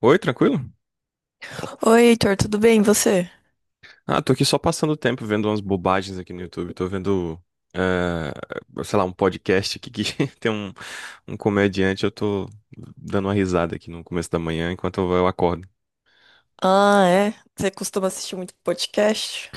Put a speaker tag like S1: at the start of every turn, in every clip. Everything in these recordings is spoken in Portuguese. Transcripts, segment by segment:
S1: Oi, tranquilo?
S2: Oi, Heitor, tudo bem? E você?
S1: Ah, tô aqui só passando o tempo vendo umas bobagens aqui no YouTube. Tô vendo, eh, sei lá, um podcast aqui que tem um comediante. Eu tô dando uma risada aqui no começo da manhã enquanto eu acordo.
S2: Ah, é? Você costuma assistir muito podcast?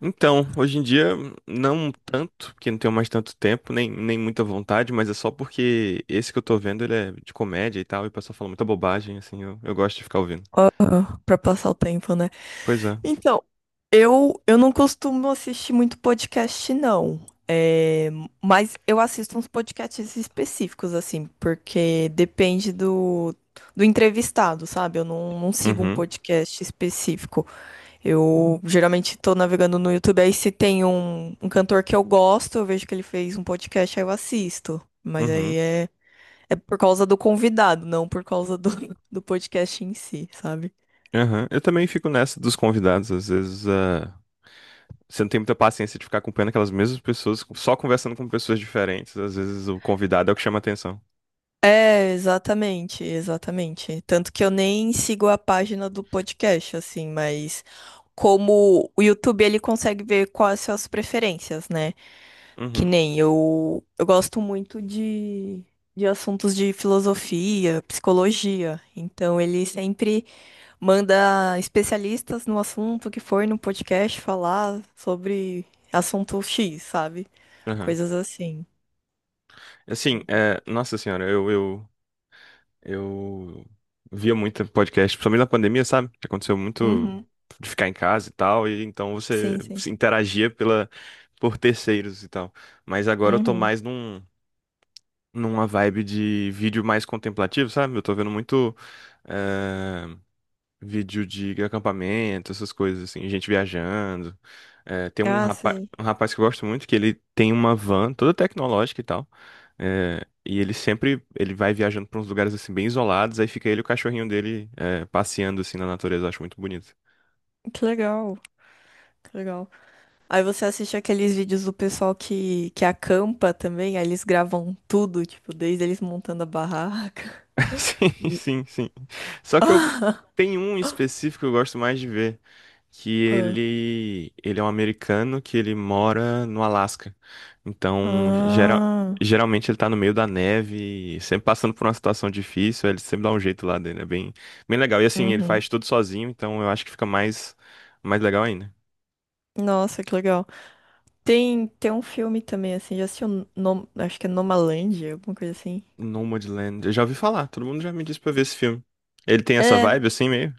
S1: Então, hoje em dia, não tanto, porque não tenho mais tanto tempo, nem muita vontade, mas é só porque esse que eu tô vendo, ele é de comédia e tal, e o pessoal fala muita bobagem, assim, eu gosto de ficar ouvindo.
S2: Aham, pra passar o tempo, né?
S1: Pois é.
S2: Então, eu não costumo assistir muito podcast, não. É, mas eu assisto uns podcasts específicos, assim, porque depende do entrevistado, sabe? Eu não sigo um
S1: Uhum,
S2: podcast específico. Eu geralmente tô navegando no YouTube, aí se tem um cantor que eu gosto, eu vejo que ele fez um podcast, aí eu assisto. Mas
S1: uhum,
S2: aí é. É por causa do convidado, não por causa do, do podcast em si, sabe?
S1: aham. Eu também fico nessa dos convidados, às vezes. Você não tem muita paciência de ficar acompanhando aquelas mesmas pessoas, só conversando com pessoas diferentes. Às vezes o convidado é o que chama atenção.
S2: É, exatamente, exatamente. Tanto que eu nem sigo a página do podcast, assim, mas como o YouTube ele consegue ver quais são as preferências, né? Que
S1: Uhum,
S2: nem eu, eu gosto muito de assuntos de filosofia, psicologia, então ele sempre manda especialistas no assunto que for no podcast falar sobre assunto X, sabe?
S1: uhum.
S2: Coisas assim.
S1: Assim, é, nossa senhora, eu via muito podcast, principalmente na pandemia, sabe? Que aconteceu muito
S2: Uhum.
S1: de ficar em casa e tal, e então você
S2: Sim, sim.
S1: se interagia pela, por terceiros e tal. Mas agora eu tô
S2: Uhum.
S1: mais numa vibe de vídeo mais contemplativo, sabe? Eu tô vendo muito. eh, Vídeo de acampamento, essas coisas assim, gente viajando. É, tem
S2: Ah, sei.
S1: um rapaz que eu gosto muito, que ele tem uma van toda tecnológica e tal. É, e ele sempre, ele vai viajando pra uns lugares assim bem isolados, aí fica ele e o cachorrinho dele é, passeando assim na natureza, eu acho muito bonito.
S2: Que legal. Que legal. Aí você assiste aqueles vídeos do pessoal que acampa também, aí eles gravam tudo, tipo, desde eles montando a barraca.
S1: Sim,
S2: E...
S1: sim, sim. Só que eu
S2: Ah,
S1: tem um em específico que eu gosto mais de ver, que ele é um americano que ele mora no Alasca. Então,
S2: ah.
S1: geralmente ele tá no meio da neve, sempre passando por uma situação difícil, ele sempre dá um jeito lá dele, é bem legal. E assim, ele
S2: Uhum.
S1: faz tudo sozinho, então eu acho que fica mais legal ainda.
S2: Nossa, que legal. Tem um filme também, assim, já assistiu, acho que é nomalândia alguma coisa assim.
S1: Nomadland, eu já ouvi falar, todo mundo já me disse pra ver esse filme. Ele tem essa
S2: É,
S1: vibe assim meio?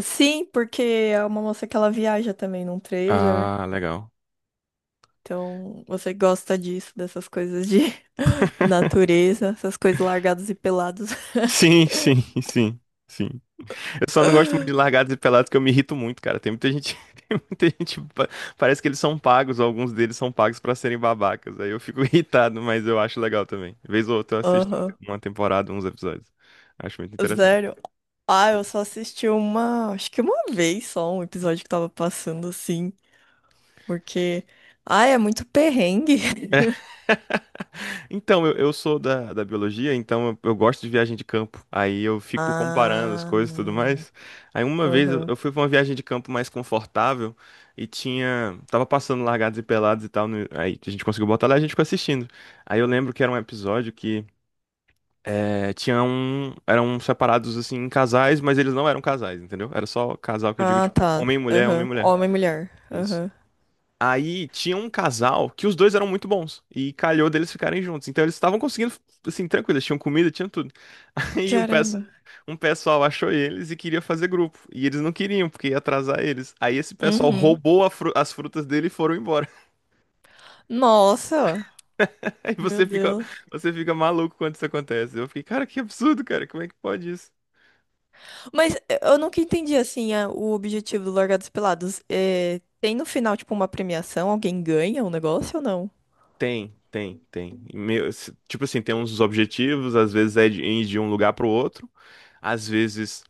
S2: sim, porque é uma moça que ela viaja também num trailer.
S1: Ah, legal.
S2: Então, você gosta disso, dessas coisas de natureza, essas coisas largados e pelados.
S1: Sim, sim, sim. Sim. Eu só não gosto muito de largados e pelados, que eu me irrito muito, cara. Tem muita gente, tem muita gente, parece que eles são pagos, ou alguns deles são pagos pra serem babacas. Aí eu fico irritado, mas eu acho legal também. Vez ou outra eu assisto
S2: Aham.
S1: uma temporada, uns episódios. Acho muito interessante.
S2: Sério? Ah, eu
S1: Sim.
S2: só assisti uma, acho que uma vez só, um episódio que tava passando assim, porque, ah, é muito perrengue.
S1: Então, eu sou da, da biologia, então eu gosto de viagem de campo. Aí eu fico comparando as
S2: Ah,
S1: coisas e tudo mais. Aí uma vez eu,
S2: aham.
S1: eu fui pra uma viagem de campo mais confortável e tinha. Tava passando largados e pelados e tal. Aí a gente conseguiu botar lá e a gente ficou assistindo. Aí eu lembro que era um episódio que é, tinha um. Eram separados assim em casais, mas eles não eram casais, entendeu? Era só casal que eu digo,
S2: Ah,
S1: tipo,
S2: tá.
S1: homem e mulher, homem e
S2: Aham.
S1: mulher.
S2: Homem e mulher.
S1: Isso.
S2: Aham.
S1: Aí tinha um casal que os dois eram muito bons e calhou deles ficarem juntos. Então eles estavam conseguindo, assim, tranquilo, eles tinham comida, tinham tudo. E um,
S2: Caramba.
S1: um pessoal achou eles e queria fazer grupo. E eles não queriam, porque ia atrasar eles. Aí esse pessoal
S2: Uhum.
S1: roubou a as frutas dele e foram embora.
S2: Nossa.
S1: Aí
S2: Meu Deus.
S1: você fica maluco quando isso acontece. Eu fiquei, cara, que absurdo, cara, como é que pode isso?
S2: Mas eu nunca entendi, assim, o objetivo do Largados e Pelados. Tem no final, tipo, uma premiação? Alguém ganha o negócio ou não?
S1: Tem, tem, tem. Meu, tipo assim, tem uns objetivos, às vezes é de ir de um lugar pro outro, às vezes.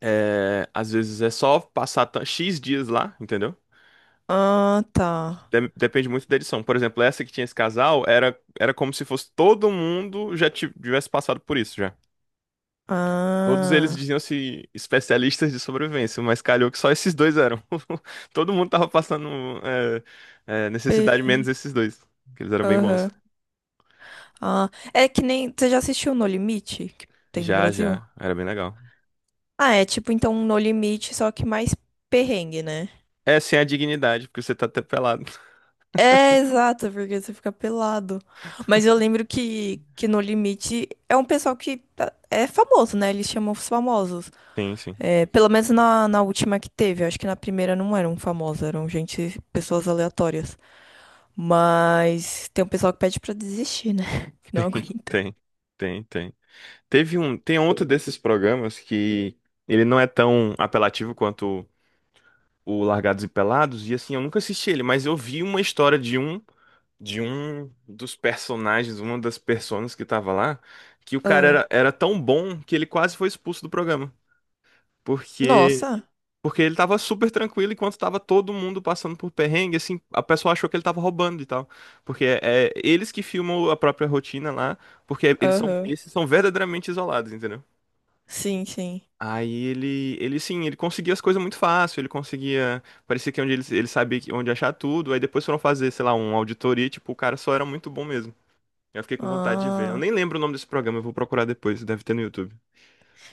S1: É, às vezes é só passar X dias lá, entendeu?
S2: Ah, tá.
S1: Depende muito da edição. Por exemplo, essa que tinha esse casal era, era como se fosse todo mundo já tivesse passado por isso já. Todos eles
S2: Ah.
S1: diziam-se especialistas de sobrevivência, mas calhou que só esses dois eram. Todo mundo tava passando necessidade menos
S2: Bem.
S1: esses dois, que eles eram bem bons.
S2: Aham. Ah. É que nem. Você já assistiu No Limite? Que tem do
S1: Já,
S2: Brasil?
S1: já, era bem legal.
S2: Ah, é tipo, então, um No Limite, só que mais perrengue, né?
S1: É, sem a dignidade, porque você tá até pelado.
S2: É, exato, porque você fica pelado. Mas eu lembro que no Limite é um pessoal que é famoso, né? Eles chamam os famosos.
S1: Sim, sim,
S2: É, pelo menos na última que teve. Eu acho que na primeira não eram famosos, eram gente, pessoas aleatórias. Mas tem um pessoal que pede pra desistir, né? Que não aguenta.
S1: tem, tem, tem. Teve um, tem outro desses programas que ele não é tão apelativo quanto o Largados e Pelados, e assim, eu nunca assisti ele, mas eu vi uma história de um dos personagens, uma das personas que tava lá, que o cara
S2: Ah,
S1: era, era tão bom que ele quase foi expulso do programa, porque
S2: nossa.
S1: porque ele tava super tranquilo enquanto tava todo mundo passando por perrengue, assim, a pessoa achou que ele tava roubando e tal, porque é, é eles que filmam a própria rotina lá, porque eles são
S2: Aham.
S1: esses são verdadeiramente isolados, entendeu?
S2: Sim, sim.
S1: Aí ele sim, ele conseguia as coisas muito fácil, ele conseguia, parecia que onde ele sabia onde achar tudo, aí depois foram fazer, sei lá, uma auditoria, tipo, o cara só era muito bom mesmo. Eu fiquei com vontade de ver. Eu
S2: Ah,
S1: nem lembro o nome desse programa, eu vou procurar depois, deve ter no YouTube.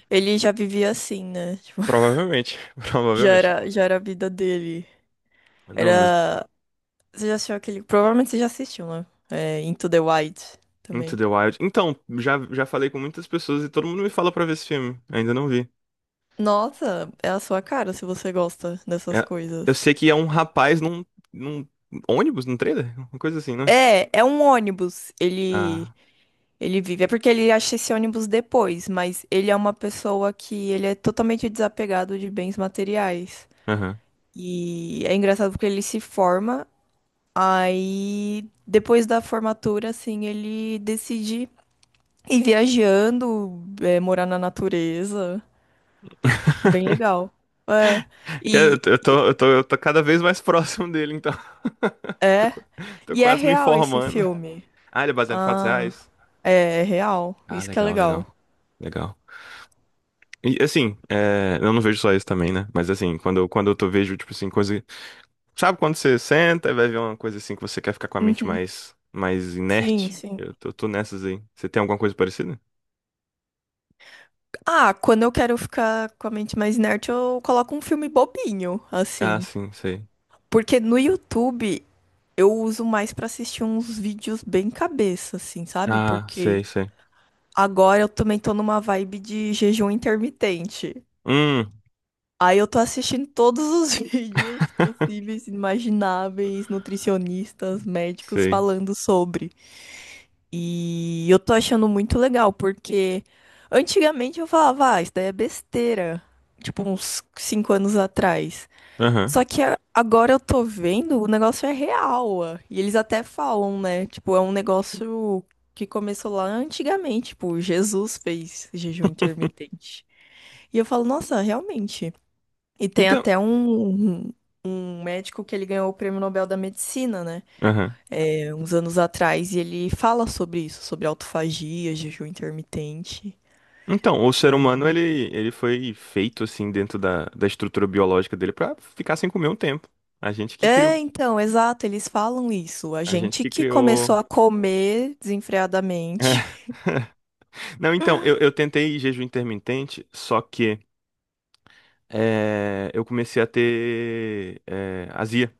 S2: ele já vivia assim, né? Tipo,
S1: Provavelmente, provavelmente.
S2: já era a vida dele.
S1: Não, nos
S2: Era. Você já assistiu aquele. Provavelmente você já assistiu, né? É, Into the Wild
S1: Into
S2: também.
S1: the Wild. Então, já, já falei com muitas pessoas e todo mundo me fala pra ver esse filme, ainda não vi.
S2: Nossa, é a sua cara se você gosta dessas
S1: É, eu
S2: coisas.
S1: sei que é um rapaz num ônibus, num trailer, uma coisa assim, né?
S2: É, é um ônibus. Ele,
S1: Ah,
S2: ele vive. É porque ele acha esse ônibus depois, mas ele é uma pessoa que ele é totalmente desapegado de bens materiais.
S1: aham.
S2: E é engraçado porque ele se forma, aí depois da formatura, assim, ele decide ir viajando, é, morar na natureza. É bem legal. É. E
S1: Eu tô cada vez mais próximo dele, então. Tô,
S2: é,
S1: qu- Tô
S2: e é
S1: quase me
S2: real esse
S1: informando.
S2: filme.
S1: Ah, ele é baseado em fatos
S2: Ah,
S1: reais?
S2: é, é real.
S1: Ah,
S2: Isso que é
S1: legal, legal,
S2: legal.
S1: legal. E assim, é, eu não vejo só isso também, né? Mas assim, quando eu tô, vejo, tipo assim, coisa. Sabe quando você senta e vai ver uma coisa assim que você quer ficar com a mente
S2: Uhum.
S1: mais
S2: Sim,
S1: inerte?
S2: sim.
S1: Tô nessas aí. Você tem alguma coisa parecida?
S2: Ah, quando eu quero ficar com a mente mais inerte, eu coloco um filme bobinho,
S1: Ah,
S2: assim.
S1: sim, sei.
S2: Porque no YouTube eu uso mais pra assistir uns vídeos bem cabeça, assim, sabe?
S1: Ah,
S2: Porque
S1: sei, sei.
S2: agora eu também tô numa vibe de jejum intermitente.
S1: Hum,
S2: Aí eu tô assistindo todos os vídeos possíveis, imagináveis, nutricionistas, médicos
S1: sei.
S2: falando sobre. E eu tô achando muito legal, porque antigamente eu falava, ah, isso daí é besteira. Tipo, uns 5 anos atrás.
S1: Aham.
S2: Só que agora eu tô vendo, o negócio é real, ó. E eles até falam, né? Tipo, é um negócio que começou lá antigamente. Tipo, Jesus fez jejum intermitente. E eu falo, nossa, realmente. E tem
S1: Então.
S2: até um médico que ele ganhou o Prêmio Nobel da Medicina, né?
S1: Aham.
S2: É, uns anos atrás, e ele fala sobre isso, sobre autofagia, jejum intermitente.
S1: Então, o ser humano,
S2: Ai.
S1: ele foi feito, assim, dentro da, da estrutura biológica dele pra ficar sem comer um tempo. A gente que criou.
S2: É, então, exato, eles falam isso. A
S1: A gente
S2: gente
S1: que
S2: que
S1: criou.
S2: começou a comer
S1: É.
S2: desenfreadamente.
S1: Não, então, eu tentei jejum intermitente, só que é, eu comecei a ter é, azia.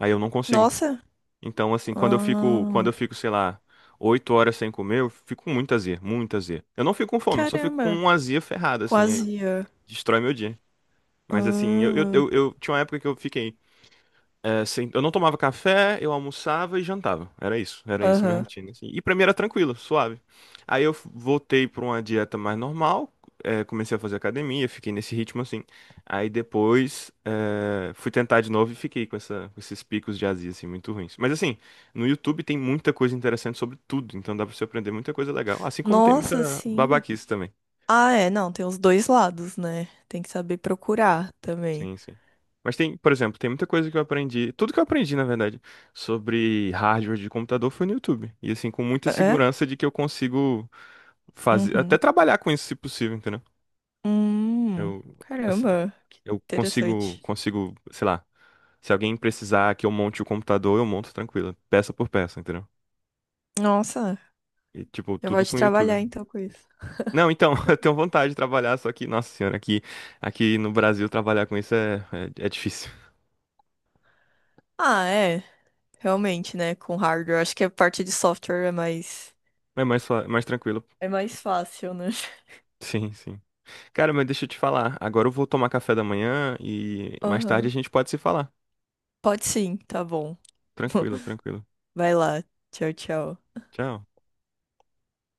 S1: Aí eu não consigo.
S2: Nossa,
S1: Então, assim, quando
S2: ah,
S1: eu fico, sei lá, 8 horas sem comer, eu fico com muita azia, muita azia. Eu não fico com fome, só fico com
S2: caramba,
S1: uma azia ferrada, assim,
S2: quase
S1: aí
S2: ia.
S1: destrói meu dia. Mas assim, eu, eu,
S2: Ah,
S1: eu, eu tinha uma época que eu fiquei. É, eu não tomava café, eu almoçava e jantava. Era isso minha
S2: aham.
S1: rotina, assim. E pra mim era tranquilo, suave. Aí eu voltei pra uma dieta mais normal, é, comecei a fazer academia, fiquei nesse ritmo assim. Aí depois é, fui tentar de novo e fiquei com com esses picos de azia assim muito ruins. Mas assim, no YouTube tem muita coisa interessante sobre tudo, então dá pra você aprender muita coisa legal, assim como tem
S2: Nossa,
S1: muita
S2: sim.
S1: babaquice também.
S2: Ah, é, não, tem os dois lados, né? Tem que saber procurar também.
S1: Sim, sim. Mas tem, por exemplo, tem muita coisa que eu aprendi, tudo que eu aprendi, na verdade, sobre hardware de computador foi no YouTube. E assim, com muita
S2: É?
S1: segurança de que eu consigo fazer, até
S2: Uhum.
S1: trabalhar com isso se possível, entendeu?
S2: Hum,
S1: Eu, assim,
S2: caramba, que
S1: eu consigo,
S2: interessante.
S1: consigo, sei lá, se alguém precisar que eu monte o computador, eu monto tranquilo, peça por peça, entendeu?
S2: Nossa,
S1: E tipo,
S2: já
S1: tudo
S2: pode
S1: com o YouTube.
S2: trabalhar então com isso.
S1: Não, então, eu tenho vontade de trabalhar, só que, nossa senhora, aqui no Brasil trabalhar com isso é difícil.
S2: Ah, é, realmente, né? Com hardware, acho que a parte de software
S1: É mais, mais tranquilo.
S2: é mais fácil, né?
S1: Sim, sim. Cara, mas deixa eu te falar. Agora eu vou tomar café da manhã e mais tarde a
S2: Aham.
S1: gente pode se falar.
S2: Pode sim, tá bom.
S1: Tranquilo, tranquilo.
S2: Vai lá. Tchau, tchau.
S1: Tchau.